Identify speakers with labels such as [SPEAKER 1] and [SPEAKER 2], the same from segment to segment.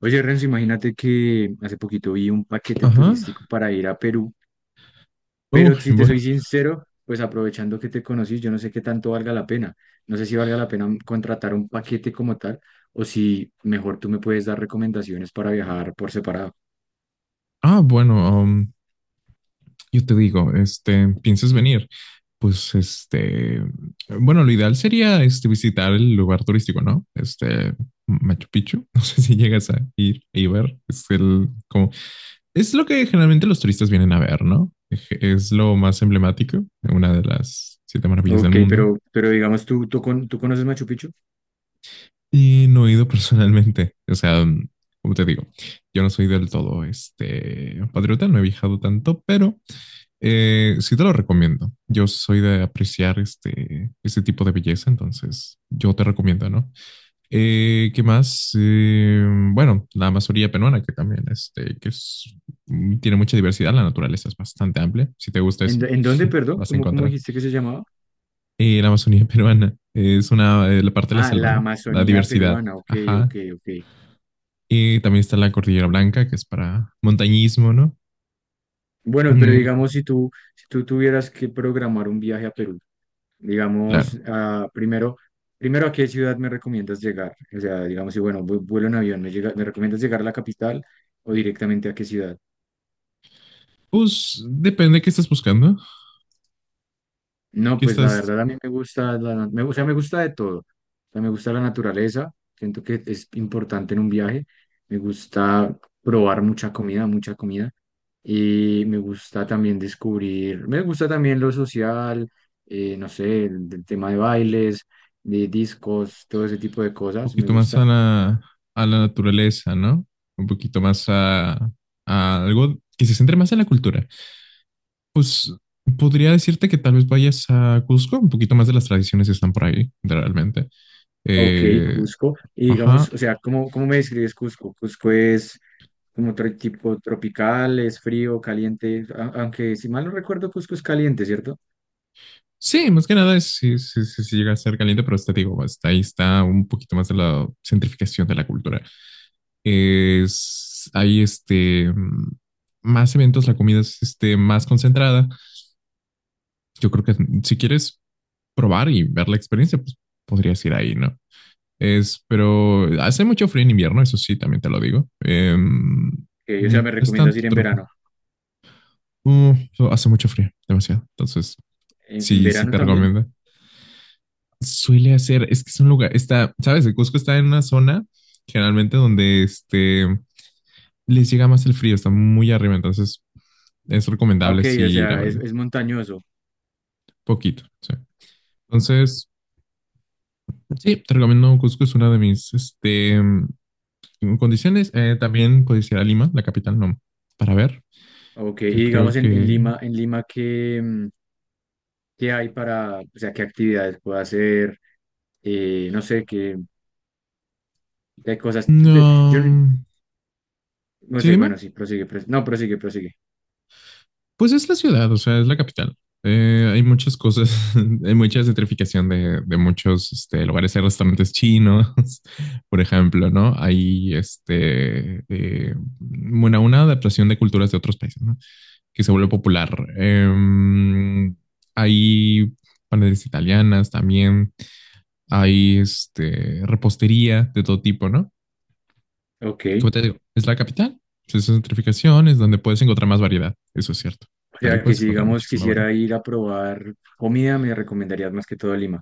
[SPEAKER 1] Oye, Renzo, imagínate que hace poquito vi un paquete
[SPEAKER 2] Ajá.
[SPEAKER 1] turístico para ir a Perú, pero si te
[SPEAKER 2] Bueno.
[SPEAKER 1] soy sincero, pues aprovechando que te conocí, yo no sé qué tanto valga la pena. No sé si valga la pena contratar un paquete como tal o si mejor tú me puedes dar recomendaciones para viajar por separado.
[SPEAKER 2] Ah, bueno, um, yo te digo, ¿piensas venir? Pues, este, bueno, lo ideal sería, visitar el lugar turístico, ¿no? Machu Picchu. No sé si llegas a ir y ver. Es es lo que generalmente los turistas vienen a ver, ¿no? Es lo más emblemático, una de las siete maravillas del
[SPEAKER 1] Ok,
[SPEAKER 2] mundo.
[SPEAKER 1] pero digamos, ¿tú conoces Machu Picchu?
[SPEAKER 2] Y no he ido personalmente. O sea, como te digo, yo no soy del todo, patriota, no he viajado tanto, pero sí te lo recomiendo. Yo soy de apreciar este tipo de belleza, entonces yo te recomiendo, ¿no? ¿Qué más? Bueno, la Amazonía peruana, que también este, que es, mm, tiene mucha diversidad, la naturaleza es bastante amplia. Si te gusta
[SPEAKER 1] ¿En,
[SPEAKER 2] eso,
[SPEAKER 1] dó- en dónde, perdón?
[SPEAKER 2] vas a
[SPEAKER 1] ¿Cómo, cómo
[SPEAKER 2] encontrar.
[SPEAKER 1] dijiste que se llamaba?
[SPEAKER 2] La Amazonía peruana es la parte de la
[SPEAKER 1] Ah,
[SPEAKER 2] selva,
[SPEAKER 1] la
[SPEAKER 2] ¿no? La
[SPEAKER 1] Amazonía
[SPEAKER 2] diversidad,
[SPEAKER 1] peruana. Ok,
[SPEAKER 2] ajá.
[SPEAKER 1] ok, ok.
[SPEAKER 2] Y también está la Cordillera Blanca, que es para montañismo, ¿no?
[SPEAKER 1] Bueno, pero
[SPEAKER 2] Mm,
[SPEAKER 1] digamos, si tú tuvieras que programar un viaje a Perú. Digamos,
[SPEAKER 2] claro.
[SPEAKER 1] primero, ¿a qué ciudad me recomiendas llegar? O sea, digamos, si bueno, vuelo en avión, ¿me recomiendas llegar a la capital o directamente a qué ciudad?
[SPEAKER 2] Pues depende qué estás buscando,
[SPEAKER 1] No,
[SPEAKER 2] qué
[SPEAKER 1] pues la
[SPEAKER 2] estás
[SPEAKER 1] verdad a mí me gusta, me, o sea, me gusta de todo. O sea, me gusta la naturaleza, siento que es importante en un viaje. Me gusta probar mucha comida, mucha comida. Y me gusta también descubrir, me gusta también lo social, no sé, el tema de bailes, de discos, todo ese tipo de
[SPEAKER 2] un
[SPEAKER 1] cosas, me
[SPEAKER 2] poquito más a
[SPEAKER 1] gusta.
[SPEAKER 2] a la naturaleza, ¿no? Un poquito más a algo que se centre más en la cultura. Pues podría decirte que tal vez vayas a Cusco, un poquito más de las tradiciones están por ahí, realmente.
[SPEAKER 1] Ok,
[SPEAKER 2] Eh,
[SPEAKER 1] Cusco. Y digamos,
[SPEAKER 2] ajá.
[SPEAKER 1] o sea, ¿cómo, cómo me describes Cusco? Cusco es como otro tipo tropical, es frío, caliente, aunque si mal no recuerdo, Cusco es caliente, ¿cierto?
[SPEAKER 2] Sí, más que nada es, sí, sí, sí, sí llega a ser caliente, pero te digo, hasta ahí está un poquito más de la centrificación de la cultura. Es, hay este, mm, más eventos, la comida es más concentrada. Yo creo que si quieres, probar y ver la experiencia, pues podrías ir ahí, ¿no? Es, pero hace mucho frío en invierno, eso sí, también te lo digo.
[SPEAKER 1] Ok, o sea, me
[SPEAKER 2] No es
[SPEAKER 1] recomiendas ir en verano.
[SPEAKER 2] uh, hace mucho frío, demasiado. Entonces,
[SPEAKER 1] En
[SPEAKER 2] sí
[SPEAKER 1] verano
[SPEAKER 2] te
[SPEAKER 1] también?
[SPEAKER 2] recomiendo. Suele hacer, es que es un lugar, está, sabes, el Cusco está en una zona generalmente donde les llega más el frío, está muy arriba, entonces es
[SPEAKER 1] Ah,
[SPEAKER 2] recomendable
[SPEAKER 1] Ok,
[SPEAKER 2] sí
[SPEAKER 1] o
[SPEAKER 2] ir a
[SPEAKER 1] sea,
[SPEAKER 2] verga,
[SPEAKER 1] es montañoso.
[SPEAKER 2] poquito, sí. Entonces, sí, te recomiendo Cusco, es una de mis en condiciones. También codiciar a Lima, la capital, no, para ver.
[SPEAKER 1] Ok, y
[SPEAKER 2] Yo
[SPEAKER 1] digamos
[SPEAKER 2] creo que...
[SPEAKER 1] En Lima, ¿ qué hay para, o sea, ¿qué actividades puedo hacer? No sé, qué, qué cosas. Yo
[SPEAKER 2] No...
[SPEAKER 1] no
[SPEAKER 2] Sí,
[SPEAKER 1] sé,
[SPEAKER 2] dime.
[SPEAKER 1] bueno, sí, prosigue, no, prosigue, prosigue.
[SPEAKER 2] Pues es la ciudad, o sea, es la capital. Hay muchas cosas, hay mucha gentrificación de lugares. Hay restaurantes chinos, por ejemplo, ¿no? Bueno, una adaptación de culturas de otros países, ¿no? Que se vuelve popular. Eh, hay panaderías italianas también hay repostería de todo tipo, ¿no?
[SPEAKER 1] Ok.
[SPEAKER 2] Como te digo, es la capital, pues, es centrificación, es donde puedes encontrar más variedad, eso es cierto.
[SPEAKER 1] O
[SPEAKER 2] Ahí
[SPEAKER 1] sea, que
[SPEAKER 2] puedes
[SPEAKER 1] si,
[SPEAKER 2] encontrar
[SPEAKER 1] digamos,
[SPEAKER 2] muchísima variedad.
[SPEAKER 1] quisiera ir a probar comida, me recomendarías más que todo Lima.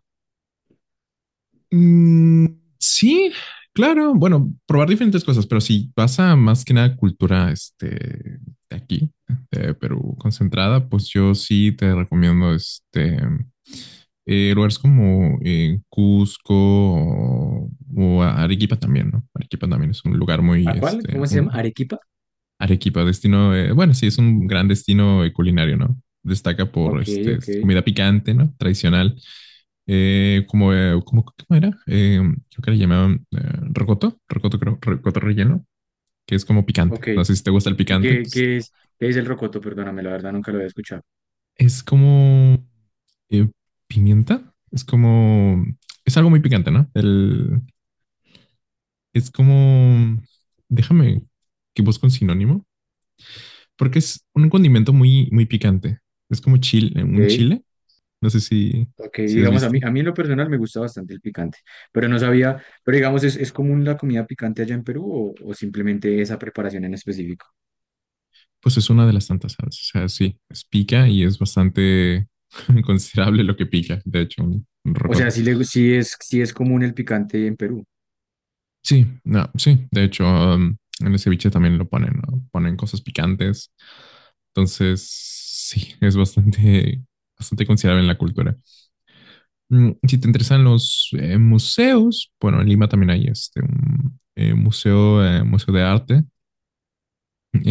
[SPEAKER 2] Mm, sí, claro, bueno, probar diferentes cosas, pero si vas a más que nada cultura de aquí, de Perú, concentrada, pues yo sí te recomiendo lugares como Cusco o Arequipa también, ¿no? Arequipa también es un lugar muy,
[SPEAKER 1] ¿A cuál?
[SPEAKER 2] este,
[SPEAKER 1] ¿Cómo se llama?
[SPEAKER 2] un,
[SPEAKER 1] ¿Arequipa?
[SPEAKER 2] Arequipa, bueno, sí, es un gran destino culinario, ¿no? Destaca por
[SPEAKER 1] Ok, ok,
[SPEAKER 2] comida picante, ¿no? Tradicional. ¿Cómo era? Creo que le llamaban rocoto relleno, que es como picante.
[SPEAKER 1] ok.
[SPEAKER 2] No sé si te gusta el
[SPEAKER 1] ¿Y
[SPEAKER 2] picante,
[SPEAKER 1] qué,
[SPEAKER 2] pues
[SPEAKER 1] qué es, qué es el rocoto? Perdóname, la verdad nunca lo había escuchado.
[SPEAKER 2] es como eh, pimienta, es algo muy picante, ¿no? Es como, déjame que busque un sinónimo. Porque es un condimento muy, muy picante. Es como chile, un
[SPEAKER 1] Ok.
[SPEAKER 2] chile. No sé si,
[SPEAKER 1] Ok,
[SPEAKER 2] si has
[SPEAKER 1] digamos,
[SPEAKER 2] visto.
[SPEAKER 1] a mí en lo personal me gusta bastante el picante, pero no sabía, pero digamos, ¿ es común la comida picante allá en Perú o simplemente esa preparación en específico?
[SPEAKER 2] Pues es una de las tantas salsas. O sea, sí, es pica y es bastante considerable lo que pica. De hecho, un
[SPEAKER 1] O sea,
[SPEAKER 2] rocoto.
[SPEAKER 1] sí, sí es común el picante en Perú.
[SPEAKER 2] Sí, no, sí. De hecho, en el ceviche también lo ponen, ¿no? Ponen cosas picantes. Entonces, sí, es bastante considerable en la cultura. Mm, si te interesan los museos, bueno, en Lima también hay un museo de arte,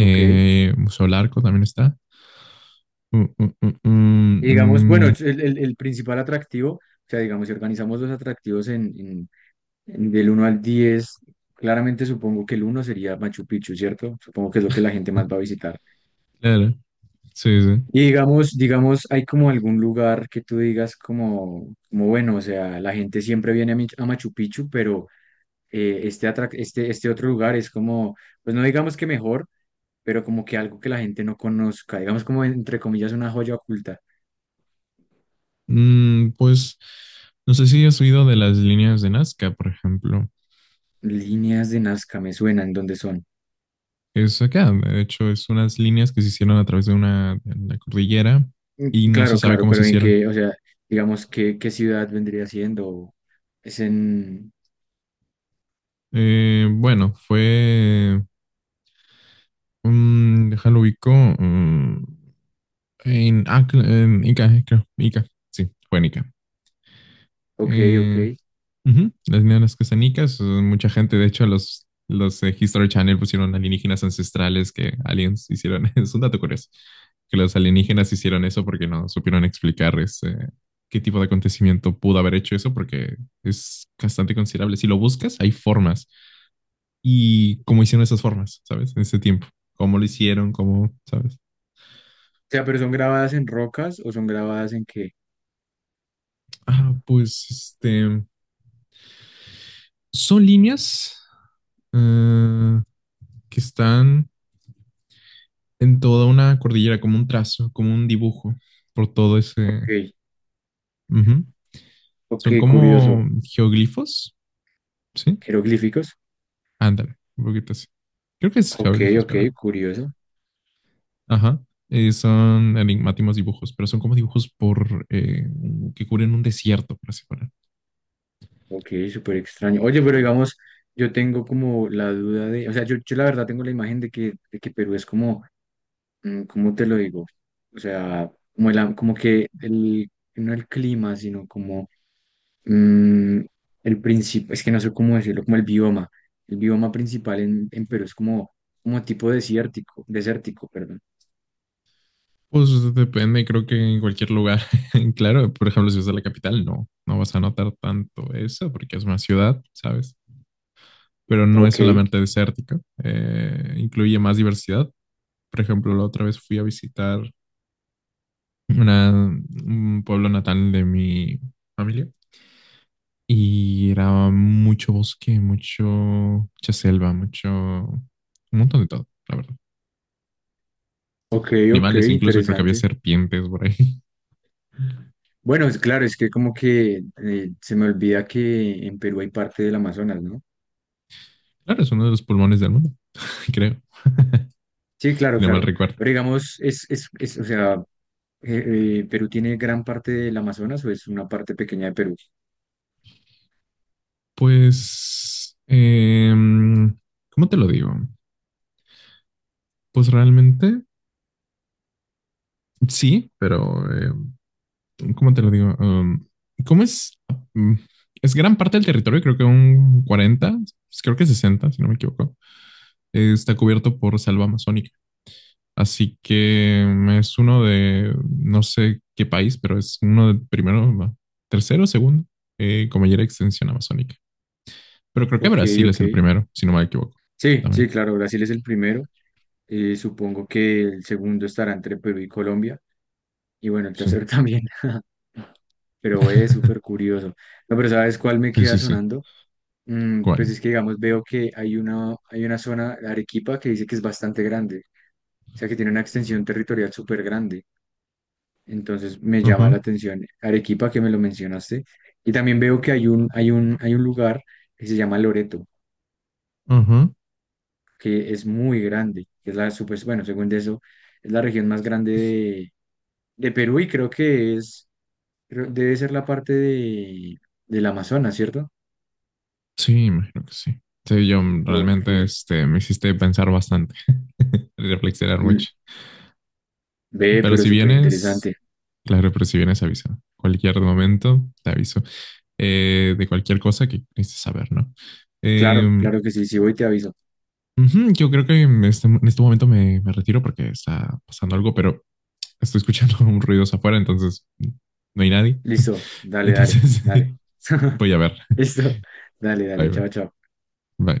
[SPEAKER 1] Ok. Y
[SPEAKER 2] Museo Larco también está. Mm, mm, mm,
[SPEAKER 1] digamos, bueno,
[SPEAKER 2] mm,
[SPEAKER 1] el principal atractivo, o sea, digamos, si organizamos los atractivos en del uno al 10, claramente supongo que el uno sería Machu Picchu, ¿cierto? Supongo que es lo que la gente
[SPEAKER 2] mm,
[SPEAKER 1] más va a visitar.
[SPEAKER 2] claro, sí, sí.
[SPEAKER 1] Y digamos, hay como algún lugar que tú digas como, como bueno, o sea, la gente siempre viene a, a Machu Picchu, pero este otro lugar es como, pues no digamos que mejor, pero como que algo que la gente no conozca, digamos como entre comillas una joya oculta.
[SPEAKER 2] Mm, pues no sé si has oído de las líneas de Nazca, por ejemplo.
[SPEAKER 1] Líneas de Nazca me suenan, ¿dónde son?
[SPEAKER 2] Es acá, de hecho, es unas líneas que se hicieron a través de una, de la cordillera y no se
[SPEAKER 1] Claro,
[SPEAKER 2] sabe
[SPEAKER 1] claro,
[SPEAKER 2] cómo se
[SPEAKER 1] pero en
[SPEAKER 2] hicieron.
[SPEAKER 1] qué, o sea, digamos, ¿qué, qué ciudad vendría siendo? Es en,
[SPEAKER 2] Bueno, fue Mm, déjalo ubico. mm, en Ica, creo. Ica, sí, fue en Ica.
[SPEAKER 1] ok, ok.
[SPEAKER 2] Eh, ujú, las neonas que están en Ica, son mucha gente. De hecho, los History Channel pusieron alienígenas ancestrales que aliens hicieron. Es un dato curioso. Que los alienígenas hicieron eso porque no supieron explicar ese, qué tipo de acontecimiento pudo haber hecho eso, porque es bastante considerable. Si lo buscas, hay formas. Y cómo hicieron esas formas, ¿sabes? En ese tiempo. Cómo lo hicieron, cómo, ¿sabes?
[SPEAKER 1] O sea, pero ¿son grabadas en rocas o son grabadas en qué?
[SPEAKER 2] Pues son líneas ah, que están en toda una cordillera, como un trazo, como un dibujo, por todo ese...
[SPEAKER 1] Ok,
[SPEAKER 2] Ujú. Son
[SPEAKER 1] ok, curioso.
[SPEAKER 2] como geoglifos, ¿sí?
[SPEAKER 1] Jeroglíficos.
[SPEAKER 2] Ándale, un poquito así. Creo que es
[SPEAKER 1] Ok,
[SPEAKER 2] geoglifos,
[SPEAKER 1] ok,
[SPEAKER 2] pero...
[SPEAKER 1] curioso.
[SPEAKER 2] Ajá. Son enigmáticos dibujos, pero son como dibujos por que cubren un desierto, por así poner.
[SPEAKER 1] Ok, súper extraño. Oye, pero digamos, yo tengo como la duda de, o sea, yo la verdad tengo la imagen de que Perú es como, mm, ¿cómo te lo digo? O sea, como, como que no el clima, sino como mm, el principio, es que no sé cómo decirlo, como el bioma. El bioma principal en Perú es como, como tipo desértico, desértico, perdón.
[SPEAKER 2] Pues depende, creo que en cualquier lugar. Claro, por ejemplo, si vas a la capital, no, no vas a notar tanto eso porque es una ciudad, ¿sabes? Pero no es
[SPEAKER 1] Ok,
[SPEAKER 2] solamente desértica incluye más diversidad. Por ejemplo, la otra vez fui a visitar un pueblo natal de mi familia y era mucho bosque, mucho, mucha selva, mucho, un montón de todo, la verdad.
[SPEAKER 1] ok, ok,
[SPEAKER 2] Animales, incluso creo que había
[SPEAKER 1] interesante.
[SPEAKER 2] serpientes por ahí.
[SPEAKER 1] Bueno, es claro, es que como que se me olvida que en Perú hay parte del Amazonas, ¿no?
[SPEAKER 2] Claro, es uno de los pulmones del mundo, creo,
[SPEAKER 1] Sí, claro,
[SPEAKER 2] si no mal
[SPEAKER 1] claro.
[SPEAKER 2] recuerdo.
[SPEAKER 1] Pero digamos, es o sea, ¿Perú tiene gran parte del Amazonas o es una parte pequeña de Perú?
[SPEAKER 2] Pues, em, ¿Cómo te lo digo? Pues realmente sí, pero ¿cómo te lo digo? ¿Cómo es? Mm, es gran parte del territorio, creo que un 40, pues creo que 60, si no me equivoco, está cubierto por selva amazónica. Así que es uno de, no sé qué país, pero es uno de primero, no, tercero, segundo, con mayor extensión amazónica. Pero creo que
[SPEAKER 1] Ok,
[SPEAKER 2] Brasil es
[SPEAKER 1] ok.
[SPEAKER 2] el primero, si no me equivoco.
[SPEAKER 1] Sí,
[SPEAKER 2] También.
[SPEAKER 1] sí, claro, Brasil es el primero. Supongo que el segundo estará entre Perú y Colombia. Y bueno, el
[SPEAKER 2] Sí,
[SPEAKER 1] tercero también. Pero es súper curioso. No, pero ¿sabes cuál me
[SPEAKER 2] sí,
[SPEAKER 1] queda
[SPEAKER 2] sí, sí.
[SPEAKER 1] sonando? Mm, pues es
[SPEAKER 2] ¿Cuál?
[SPEAKER 1] que, digamos, veo que hay una zona, Arequipa, que dice que es bastante grande. O sea, que tiene una extensión territorial súper grande. Entonces me llama la
[SPEAKER 2] Ujú,
[SPEAKER 1] atención Arequipa, que me lo mencionaste. Y también veo que hay un lugar que se llama Loreto,
[SPEAKER 2] ujú.
[SPEAKER 1] que es muy grande, que es la super, bueno, según eso, es la región más grande de Perú y creo que es, debe ser la parte de, del Amazonas, ¿cierto?
[SPEAKER 2] Sí, imagino que sí. Sí, yo
[SPEAKER 1] O
[SPEAKER 2] realmente
[SPEAKER 1] que
[SPEAKER 2] me hiciste pensar bastante, reflexionar
[SPEAKER 1] l-
[SPEAKER 2] mucho.
[SPEAKER 1] ve,
[SPEAKER 2] Pero
[SPEAKER 1] pero
[SPEAKER 2] si
[SPEAKER 1] súper
[SPEAKER 2] vienes,
[SPEAKER 1] interesante.
[SPEAKER 2] claro, pero si vienes, avisa. Cualquier momento, te aviso. De cualquier cosa que necesites saber, ¿no?
[SPEAKER 1] Claro,
[SPEAKER 2] Eh,
[SPEAKER 1] claro que sí, si voy te aviso.
[SPEAKER 2] ujú, yo creo que en este momento me retiro porque está pasando algo, pero estoy escuchando un ruido afuera, entonces no hay nadie.
[SPEAKER 1] Listo, dale, dale,
[SPEAKER 2] Entonces
[SPEAKER 1] dale.
[SPEAKER 2] voy a ver.
[SPEAKER 1] Listo, dale,
[SPEAKER 2] Bye,
[SPEAKER 1] dale,
[SPEAKER 2] bye.
[SPEAKER 1] chao, chao.
[SPEAKER 2] Bye.